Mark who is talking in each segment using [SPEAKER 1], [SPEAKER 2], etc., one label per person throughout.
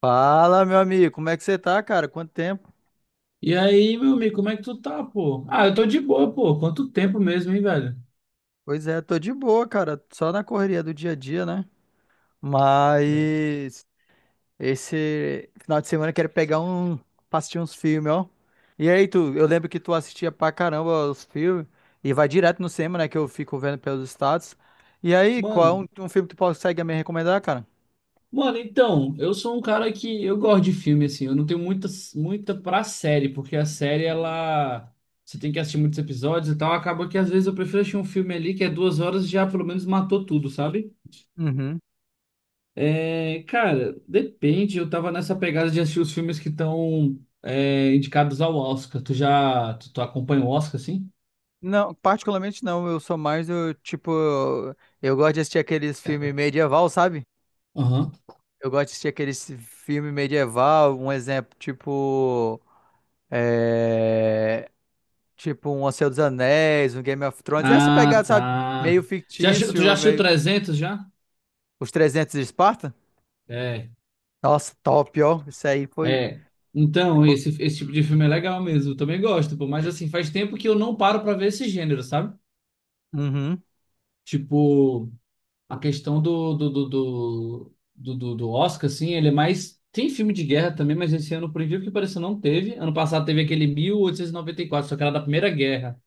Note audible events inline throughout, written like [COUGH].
[SPEAKER 1] Fala, meu amigo, como é que você tá, cara? Quanto tempo?
[SPEAKER 2] E aí, meu amigo, como é que tu tá, pô? Ah, eu tô de boa, pô. Quanto tempo mesmo, hein, velho?
[SPEAKER 1] Pois é, tô de boa, cara, só na correria do dia a dia, né?
[SPEAKER 2] É.
[SPEAKER 1] Mas esse final de semana eu quero pegar um, pra assistir uns filmes, ó. E aí, tu, eu lembro que tu assistia pra caramba os filmes e vai direto no cinema, né, que eu fico vendo pelos status. E aí, qual é
[SPEAKER 2] Mano,
[SPEAKER 1] um filme que tu consegue me recomendar, cara?
[SPEAKER 2] mano, então, eu sou um cara que eu gosto de filme, assim. Eu não tenho muita pra série, porque a série,
[SPEAKER 1] Uhum.
[SPEAKER 2] ela. Você tem que assistir muitos episódios e tal. Acaba que às vezes eu prefiro assistir um filme ali que é 2 horas e já pelo menos matou tudo, sabe?
[SPEAKER 1] Uhum.
[SPEAKER 2] É, cara, depende. Eu tava nessa pegada de assistir os filmes que estão indicados ao Oscar. Tu já. Tu acompanha o Oscar, assim?
[SPEAKER 1] Não, particularmente não, eu sou mais, eu, tipo, eu gosto de assistir aqueles filmes medieval, sabe?
[SPEAKER 2] Aham.
[SPEAKER 1] Eu gosto de assistir aqueles filme medieval, um exemplo, tipo. é, Tipo um O Senhor dos Anéis, um Game of Thrones. Essa
[SPEAKER 2] Ah,
[SPEAKER 1] pegada, sabe?
[SPEAKER 2] tá.
[SPEAKER 1] Meio
[SPEAKER 2] Já, tu já
[SPEAKER 1] fictício,
[SPEAKER 2] assistiu
[SPEAKER 1] meio.
[SPEAKER 2] 300 já?
[SPEAKER 1] Os 300 de Esparta?
[SPEAKER 2] É,
[SPEAKER 1] Nossa, top, ó. Isso aí foi.
[SPEAKER 2] é. Então,
[SPEAKER 1] foi...
[SPEAKER 2] esse tipo de filme é legal mesmo. Eu também gosto, pô. Mas assim, faz tempo que eu não paro pra ver esse gênero, sabe?
[SPEAKER 1] Uhum.
[SPEAKER 2] Tipo, a questão do Oscar, assim, ele é mais. Tem filme de guerra também, mas esse ano, por incrível que pareça, não teve. Ano passado teve aquele
[SPEAKER 1] Uhum.
[SPEAKER 2] mil oitocentos e noventa e quatro, só que era da Primeira Guerra. Não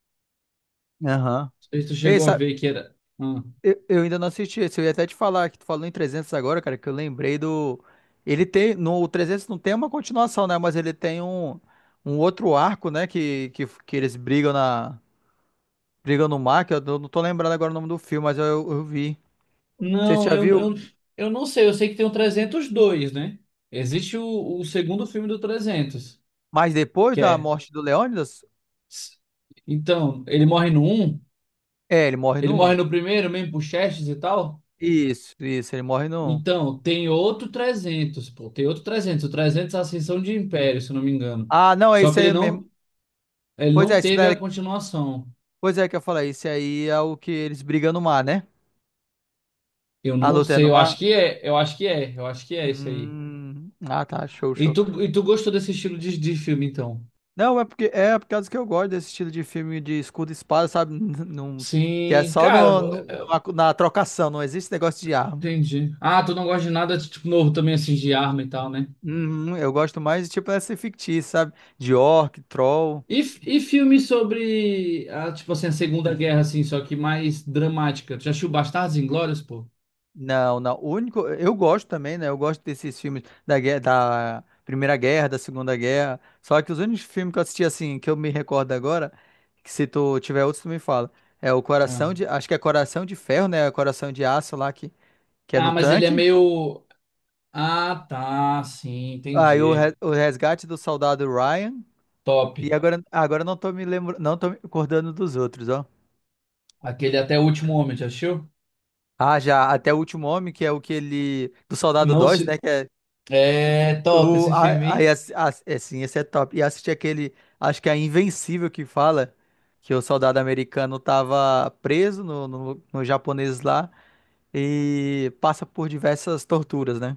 [SPEAKER 1] Aham.
[SPEAKER 2] sei se tu
[SPEAKER 1] Ei,
[SPEAKER 2] chegou a
[SPEAKER 1] sabe?
[SPEAKER 2] ver que era. ah,
[SPEAKER 1] Eu ainda não assisti esse. Eu ia até te falar que tu falou em 300 agora, cara, que eu lembrei do. Ele tem. No o 300 não tem uma continuação, né? Mas ele tem um outro arco, né? Que eles brigam na. Briga no Mar, que eu não tô lembrado agora o nome do filme, mas eu vi. Você
[SPEAKER 2] Não,
[SPEAKER 1] já
[SPEAKER 2] eu,
[SPEAKER 1] viu?
[SPEAKER 2] eu, eu não sei. Eu sei que tem o 302, né? Existe o segundo filme do 300,
[SPEAKER 1] Mas depois
[SPEAKER 2] que
[SPEAKER 1] da
[SPEAKER 2] é.
[SPEAKER 1] morte do Leônidas?
[SPEAKER 2] Então, ele morre no um,
[SPEAKER 1] É, ele morre
[SPEAKER 2] ele
[SPEAKER 1] no 1.
[SPEAKER 2] morre no primeiro, mesmo por Xerxes e tal.
[SPEAKER 1] Isso, isso, ele morre no 1.
[SPEAKER 2] Então, tem outro 300, pô, tem outro 300. O 300 é a Ascensão de Império, se eu não me engano.
[SPEAKER 1] Ah, não, é
[SPEAKER 2] Só
[SPEAKER 1] esse
[SPEAKER 2] que
[SPEAKER 1] aí mesmo.
[SPEAKER 2] ele
[SPEAKER 1] Pois
[SPEAKER 2] não
[SPEAKER 1] é, esse
[SPEAKER 2] teve
[SPEAKER 1] daí,
[SPEAKER 2] a continuação.
[SPEAKER 1] pois é que eu falei, esse aí é o que eles brigam no mar, né?
[SPEAKER 2] Eu
[SPEAKER 1] A
[SPEAKER 2] não
[SPEAKER 1] luta é
[SPEAKER 2] sei,
[SPEAKER 1] no
[SPEAKER 2] eu
[SPEAKER 1] mar?
[SPEAKER 2] acho que é, eu acho que é, eu acho que é esse aí.
[SPEAKER 1] Ah, tá, show,
[SPEAKER 2] E
[SPEAKER 1] show.
[SPEAKER 2] tu, e tu gostou desse estilo de filme, então?
[SPEAKER 1] Não, é porque é por causa que eu gosto desse estilo de filme de escudo e espada, sabe? [LAUGHS] Não, que é
[SPEAKER 2] Sim,
[SPEAKER 1] só
[SPEAKER 2] cara.
[SPEAKER 1] na trocação, não existe negócio de arma.
[SPEAKER 2] Entendi. Ah, tu não gosta de nada, tipo, novo também, assim, de arma e tal, né?
[SPEAKER 1] Uhum, eu gosto mais, de tipo, dessa fictícia, sabe? De orc, troll.
[SPEAKER 2] E filmes sobre, a, tipo assim, a Segunda Guerra, assim, só que mais dramática. Tu já assistiu Bastardos Inglórios, pô?
[SPEAKER 1] Não, não. O único. Eu gosto também, né? Eu gosto desses filmes da guerra, da Primeira Guerra, da Segunda Guerra. Só que os únicos filmes que eu assisti, assim, que eu me recordo agora, que se tu tiver outros, tu me fala. É o Coração
[SPEAKER 2] Não.
[SPEAKER 1] de. Acho que é Coração de Ferro, né? Coração de Aço lá, que é no
[SPEAKER 2] Ah, mas ele é
[SPEAKER 1] tanque.
[SPEAKER 2] meio... Ah, tá, sim,
[SPEAKER 1] Aí o,
[SPEAKER 2] entendi.
[SPEAKER 1] re- o Resgate do Soldado Ryan.
[SPEAKER 2] Top.
[SPEAKER 1] E agora eu não tô me lembrando, não tô me acordando dos outros, ó.
[SPEAKER 2] Aquele Até o Último Homem, já assistiu?
[SPEAKER 1] Ah, já, até o último homem, que é o que ele. Do Soldado
[SPEAKER 2] Não
[SPEAKER 1] Dois, né?
[SPEAKER 2] se.
[SPEAKER 1] Que é.
[SPEAKER 2] É top
[SPEAKER 1] O,
[SPEAKER 2] esse filme,
[SPEAKER 1] a, aí,
[SPEAKER 2] hein?
[SPEAKER 1] é, sim, esse é top. E assisti aquele. Acho que é Invencível que fala que o soldado americano tava preso no japonês lá e passa por diversas torturas, né?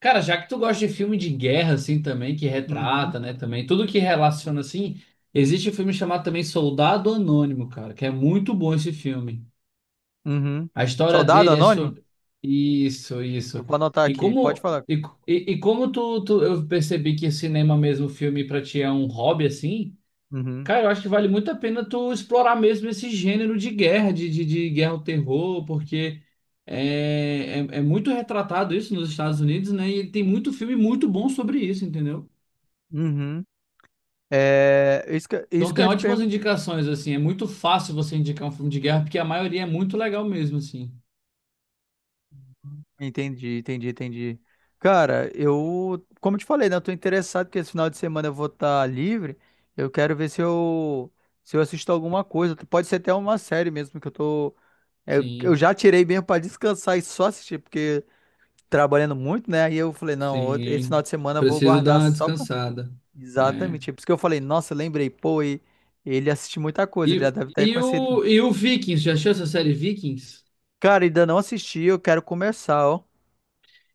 [SPEAKER 2] Cara, já que tu gosta de filme de guerra, assim, também, que
[SPEAKER 1] Uhum.
[SPEAKER 2] retrata, né, também, tudo que relaciona, assim, existe um filme chamado também Soldado Anônimo, cara, que é muito bom esse filme.
[SPEAKER 1] Uhum.
[SPEAKER 2] A história
[SPEAKER 1] Soldado
[SPEAKER 2] dele é
[SPEAKER 1] Anônimo?
[SPEAKER 2] sobre... Isso,
[SPEAKER 1] Eu
[SPEAKER 2] isso.
[SPEAKER 1] vou anotar
[SPEAKER 2] E
[SPEAKER 1] aqui. Pode
[SPEAKER 2] como,
[SPEAKER 1] falar.
[SPEAKER 2] e, e como eu percebi que cinema mesmo, filme pra ti é um hobby, assim.
[SPEAKER 1] Uhum.
[SPEAKER 2] Cara, eu acho que vale muito a pena tu explorar mesmo esse gênero de guerra, de guerra ao terror, porque é muito retratado isso nos Estados Unidos, né? E tem muito filme muito bom sobre isso, entendeu?
[SPEAKER 1] Uhum. É, isso que,
[SPEAKER 2] Então
[SPEAKER 1] isso que eu
[SPEAKER 2] tem
[SPEAKER 1] ia te
[SPEAKER 2] ótimas
[SPEAKER 1] perguntar.
[SPEAKER 2] indicações, assim. É muito fácil você indicar um filme de guerra, porque a maioria é muito legal mesmo, assim.
[SPEAKER 1] Entendi, entendi, entendi. Cara, eu, como eu te falei, né, eu tô interessado que esse final de semana eu vou estar livre. Eu quero ver se eu assisto alguma coisa. Pode ser até uma série mesmo que eu
[SPEAKER 2] Sim,
[SPEAKER 1] já tirei mesmo pra descansar e só assistir, porque trabalhando muito, né? Aí eu falei, não, esse final
[SPEAKER 2] sim.
[SPEAKER 1] de semana eu vou
[SPEAKER 2] Preciso dar
[SPEAKER 1] guardar
[SPEAKER 2] uma
[SPEAKER 1] só pra...
[SPEAKER 2] descansada.
[SPEAKER 1] Exatamente.
[SPEAKER 2] É.
[SPEAKER 1] É por isso que eu falei, nossa, eu lembrei, pô, ele assiste muita coisa, ele já
[SPEAKER 2] E,
[SPEAKER 1] deve ter
[SPEAKER 2] e,
[SPEAKER 1] conhecido.
[SPEAKER 2] o, e o Vikings, já achou essa série Vikings?
[SPEAKER 1] Cara, ainda não assisti, eu quero começar, ó.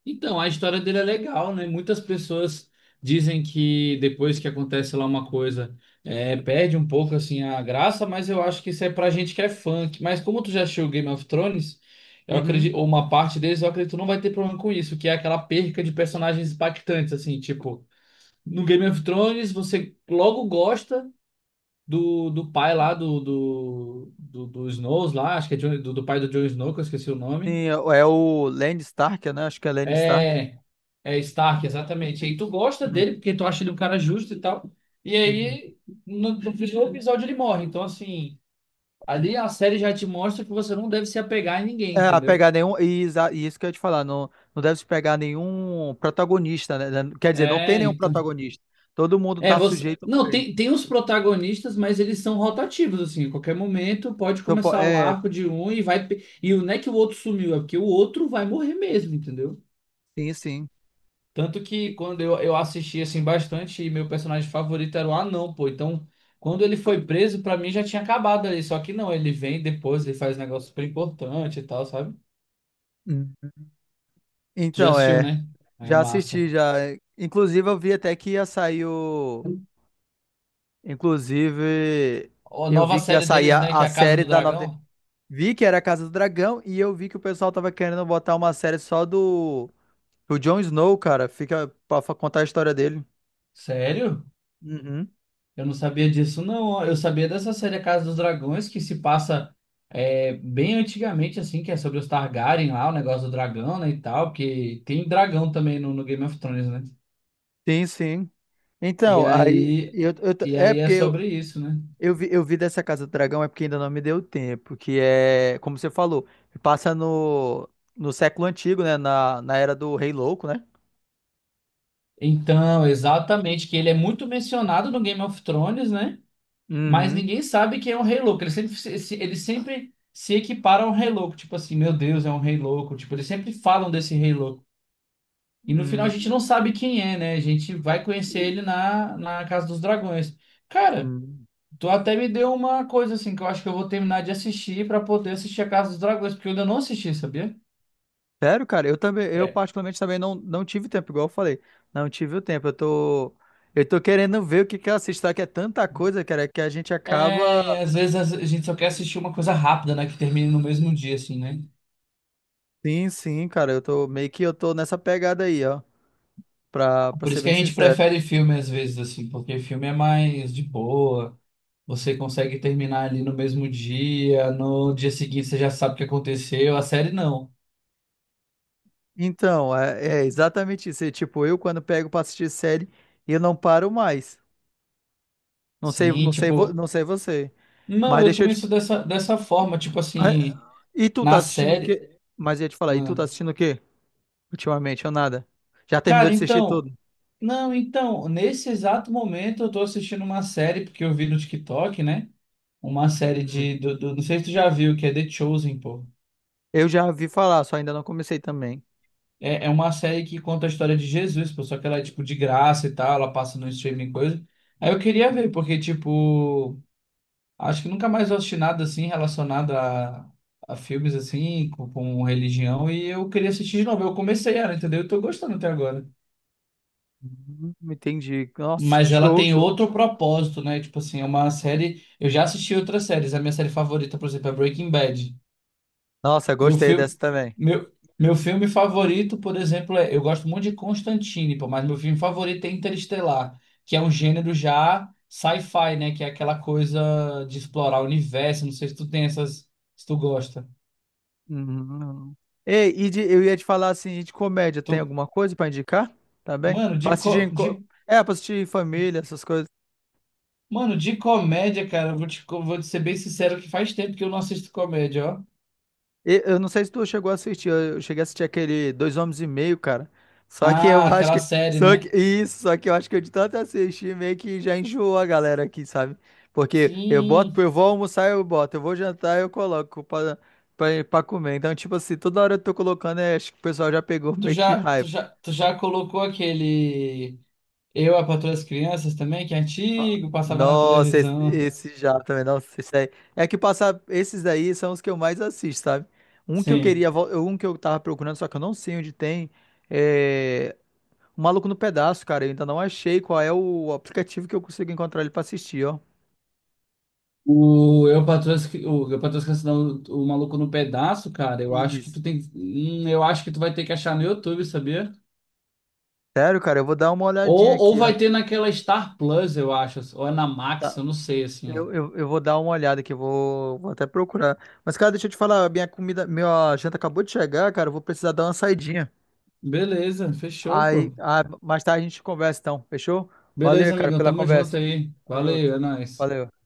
[SPEAKER 2] Então, a história dele é legal, né? Muitas pessoas dizem que depois que acontece lá uma coisa, é, perde um pouco assim a graça, mas eu acho que isso é pra gente que é fã. Que- Mas como tu já assistiu Game of Thrones, eu
[SPEAKER 1] Uhum.
[SPEAKER 2] acredito, ou uma parte deles, eu acredito que não vai ter problema com isso, que é aquela perca de personagens impactantes, assim, tipo, no Game of Thrones você logo gosta do pai lá do Snows lá, acho que é Jon- do pai do Jon Snow, que eu esqueci o nome.
[SPEAKER 1] Sim, é o Land Stark, né? Acho que é Land Stark.
[SPEAKER 2] É, É Stark, exatamente. E aí tu gosta
[SPEAKER 1] Uhum,
[SPEAKER 2] dele porque tu acha ele um cara justo e tal. E
[SPEAKER 1] uhum.
[SPEAKER 2] aí, no primeiro episódio ele morre. Então, assim, ali a série já te mostra que você não deve se apegar em ninguém,
[SPEAKER 1] É, a
[SPEAKER 2] entendeu?
[SPEAKER 1] pegar nenhum. E isso que eu ia te falar, não, não deve se pegar nenhum protagonista, né? Quer dizer, não tem
[SPEAKER 2] É,
[SPEAKER 1] nenhum
[SPEAKER 2] então.
[SPEAKER 1] protagonista. Todo mundo
[SPEAKER 2] É,
[SPEAKER 1] tá
[SPEAKER 2] você.
[SPEAKER 1] sujeito a
[SPEAKER 2] Não,
[SPEAKER 1] morrer.
[SPEAKER 2] tem os protagonistas, mas eles são rotativos, assim. A qualquer momento pode
[SPEAKER 1] Então,
[SPEAKER 2] começar o
[SPEAKER 1] é,
[SPEAKER 2] arco de um e vai. Pe- E não é que o outro sumiu, é porque o outro vai morrer mesmo, entendeu?
[SPEAKER 1] sim, sim.
[SPEAKER 2] Tanto que quando eu assisti assim bastante, e meu personagem favorito era o anão, pô. Então, quando ele foi preso, pra mim já tinha acabado ali. Só que não, ele vem depois, ele faz um negócio super importante e tal, sabe?
[SPEAKER 1] Hum.
[SPEAKER 2] Tu já
[SPEAKER 1] Então,
[SPEAKER 2] assistiu,
[SPEAKER 1] é.
[SPEAKER 2] né? É
[SPEAKER 1] Já
[SPEAKER 2] massa.
[SPEAKER 1] assisti, já. Inclusive, eu vi até que ia sair o. Inclusive,
[SPEAKER 2] A
[SPEAKER 1] eu
[SPEAKER 2] nova
[SPEAKER 1] vi que ia
[SPEAKER 2] série
[SPEAKER 1] sair
[SPEAKER 2] deles,
[SPEAKER 1] a,
[SPEAKER 2] né? Que é
[SPEAKER 1] a
[SPEAKER 2] a Casa
[SPEAKER 1] série
[SPEAKER 2] do
[SPEAKER 1] da nova.
[SPEAKER 2] Dragão.
[SPEAKER 1] Vi que era a Casa do Dragão e eu vi que o pessoal tava querendo botar uma série só do. O Jon Snow, cara, fica pra contar a história dele.
[SPEAKER 2] Sério?
[SPEAKER 1] Uhum.
[SPEAKER 2] Eu não sabia disso, não. ó. Eu sabia dessa série A Casa dos Dragões, que se passa é, bem antigamente, assim, que é sobre os Targaryen lá, o negócio do dragão, né? E tal, porque tem dragão também no Game of Thrones, né?
[SPEAKER 1] Sim, sim.
[SPEAKER 2] E
[SPEAKER 1] Então, aí
[SPEAKER 2] aí, e
[SPEAKER 1] é
[SPEAKER 2] aí é
[SPEAKER 1] porque eu,
[SPEAKER 2] sobre isso, né?
[SPEAKER 1] eu vi, eu vi dessa Casa do Dragão, é porque ainda não me deu tempo, que é, como você falou, passa no século antigo, né, na era do Rei Louco, né?
[SPEAKER 2] Então, exatamente, que ele é muito mencionado no Game of Thrones, né? Mas
[SPEAKER 1] Uhum.
[SPEAKER 2] ninguém sabe quem é o Rei Louco. Ele sempre, ele sempre se equipara ao Rei Louco. Tipo assim, meu Deus, é um Rei Louco. Tipo, eles sempre falam desse Rei Louco. E no final a gente
[SPEAKER 1] Uhum.
[SPEAKER 2] não sabe quem é, né? A gente vai conhecer
[SPEAKER 1] E-
[SPEAKER 2] ele na Casa dos Dragões. Cara,
[SPEAKER 1] uhum.
[SPEAKER 2] tu até me deu uma coisa assim que eu acho que eu vou terminar de assistir pra poder assistir a Casa dos Dragões, porque eu ainda não assisti, sabia?
[SPEAKER 1] Sério, cara, eu também, eu particularmente também não, não tive tempo, igual eu falei. Não tive o tempo. Eu tô querendo ver o que que eu assisto, tá? Que é tanta coisa, cara, que a gente acaba.
[SPEAKER 2] É, e às vezes a gente só quer assistir uma coisa rápida, né? Que termine no mesmo dia, assim, né?
[SPEAKER 1] Sim, sim, cara, eu tô meio que eu tô nessa pegada aí, ó, pra
[SPEAKER 2] Por
[SPEAKER 1] ser
[SPEAKER 2] isso que
[SPEAKER 1] bem
[SPEAKER 2] a gente
[SPEAKER 1] sincero.
[SPEAKER 2] prefere filme às vezes, assim, porque filme é mais de boa. Você consegue terminar ali no mesmo dia, no dia seguinte você já sabe o que aconteceu. A série não.
[SPEAKER 1] Então, é exatamente isso. É tipo, eu quando pego pra assistir série, eu não paro mais. Não sei,
[SPEAKER 2] Sim,
[SPEAKER 1] não sei,
[SPEAKER 2] tipo,
[SPEAKER 1] não sei você.
[SPEAKER 2] não,
[SPEAKER 1] Mas
[SPEAKER 2] eu
[SPEAKER 1] deixa eu
[SPEAKER 2] também
[SPEAKER 1] te.
[SPEAKER 2] sou dessa forma, tipo
[SPEAKER 1] Ah,
[SPEAKER 2] assim,
[SPEAKER 1] e tu tá
[SPEAKER 2] na
[SPEAKER 1] assistindo o
[SPEAKER 2] série.
[SPEAKER 1] quê? Mas eu ia te falar, e tu
[SPEAKER 2] Ah,
[SPEAKER 1] tá assistindo o quê? Ultimamente, ou nada? Já terminou
[SPEAKER 2] cara,
[SPEAKER 1] de assistir
[SPEAKER 2] então,
[SPEAKER 1] tudo?
[SPEAKER 2] não, então, nesse exato momento eu tô assistindo uma série porque eu vi no TikTok, né? Uma série
[SPEAKER 1] Uhum.
[SPEAKER 2] de. Não sei se tu já viu, que é The Chosen, pô.
[SPEAKER 1] Eu já vi falar, só ainda não comecei também.
[SPEAKER 2] É, é uma série que conta a história de Jesus, pô. Só que ela é, tipo, de graça e tal. Ela passa no streaming e coisa. Aí eu queria ver, porque, tipo. Acho que nunca mais eu assisti nada assim relacionado a filmes assim, com religião. E eu queria assistir de novo. Eu comecei ela, entendeu? Eu tô gostando até agora.
[SPEAKER 1] Entendi. Nossa,
[SPEAKER 2] Mas ela
[SPEAKER 1] show,
[SPEAKER 2] tem
[SPEAKER 1] show.
[SPEAKER 2] outro propósito, né? Tipo assim, é uma série. Eu já assisti outras séries. A minha série favorita, por exemplo, é Breaking Bad.
[SPEAKER 1] Nossa,
[SPEAKER 2] Meu
[SPEAKER 1] gostei
[SPEAKER 2] filme,
[SPEAKER 1] dessa também.
[SPEAKER 2] meu, meu filme favorito, por exemplo, é, eu gosto muito de Constantine, pô, mas meu filme favorito é Interestelar, que é um gênero já sci-fi, né? Que é aquela coisa de explorar o universo. Não sei se tu tem essas, se tu gosta.
[SPEAKER 1] Uhum. Ei, e eu ia te falar assim, de comédia,
[SPEAKER 2] Tu,
[SPEAKER 1] tem alguma coisa pra indicar? Tá bem?
[SPEAKER 2] mano,
[SPEAKER 1] Pra
[SPEAKER 2] de,
[SPEAKER 1] assistir
[SPEAKER 2] co- de,
[SPEAKER 1] pra assistir em família, essas coisas.
[SPEAKER 2] mano, de comédia, cara, eu vou te, vou te ser bem sincero que faz tempo que eu não assisto comédia, ó.
[SPEAKER 1] Eu não sei se tu chegou a assistir, eu cheguei a assistir aquele Dois Homens e Meio, cara. Só que eu
[SPEAKER 2] Ah,
[SPEAKER 1] [LAUGHS] acho
[SPEAKER 2] aquela
[SPEAKER 1] que,
[SPEAKER 2] série,
[SPEAKER 1] só que,
[SPEAKER 2] né?
[SPEAKER 1] isso, só que eu acho que eu de tanto assistir, meio que já enjoou a galera aqui, sabe? Porque eu boto,
[SPEAKER 2] Sim.
[SPEAKER 1] eu vou almoçar, eu boto, eu vou jantar, eu coloco pra comer. Então, tipo assim, toda hora eu tô colocando, acho que o pessoal já pegou
[SPEAKER 2] Tu
[SPEAKER 1] meio que
[SPEAKER 2] já,
[SPEAKER 1] raiva.
[SPEAKER 2] tu já, tu já colocou aquele. Eu, a Patroa das Crianças também, que é
[SPEAKER 1] Ah,
[SPEAKER 2] antigo, passava na
[SPEAKER 1] nossa, esse,
[SPEAKER 2] televisão.
[SPEAKER 1] esse já também, nossa, esse aí. É que passar, esses daí são os que eu mais assisto, sabe? Um que eu
[SPEAKER 2] Sim.
[SPEAKER 1] queria, um que eu tava procurando, só que eu não sei onde tem, é O Maluco no Pedaço, cara. Eu ainda não achei qual é o aplicativo que eu consigo encontrar ele pra assistir, ó.
[SPEAKER 2] O Eu, a Patroa das, Cri- o, eu, a Patroa das Crianças, não, o Maluco no Pedaço, cara, eu acho que
[SPEAKER 1] Isso.
[SPEAKER 2] tu tem, eu acho que tu vai ter que achar no YouTube, sabia?
[SPEAKER 1] Sério, cara, eu vou dar uma olhadinha
[SPEAKER 2] Ou
[SPEAKER 1] aqui, ó.
[SPEAKER 2] vai ter naquela Star Plus, eu acho, ou é na Max,
[SPEAKER 1] Tá.
[SPEAKER 2] eu não sei, assim.
[SPEAKER 1] Eu vou dar uma olhada aqui, eu vou até procurar. Mas, cara, deixa eu te falar, minha comida, minha janta acabou de chegar, cara, eu vou precisar dar uma saidinha.
[SPEAKER 2] Beleza, fechou,
[SPEAKER 1] Aí,
[SPEAKER 2] pô.
[SPEAKER 1] ah, mais tarde a gente conversa então, fechou? Valeu,
[SPEAKER 2] Beleza,
[SPEAKER 1] cara,
[SPEAKER 2] amigão,
[SPEAKER 1] pela
[SPEAKER 2] tamo junto
[SPEAKER 1] conversa.
[SPEAKER 2] aí.
[SPEAKER 1] Tamo
[SPEAKER 2] Valeu,
[SPEAKER 1] junto.
[SPEAKER 2] é nóis.
[SPEAKER 1] Valeu.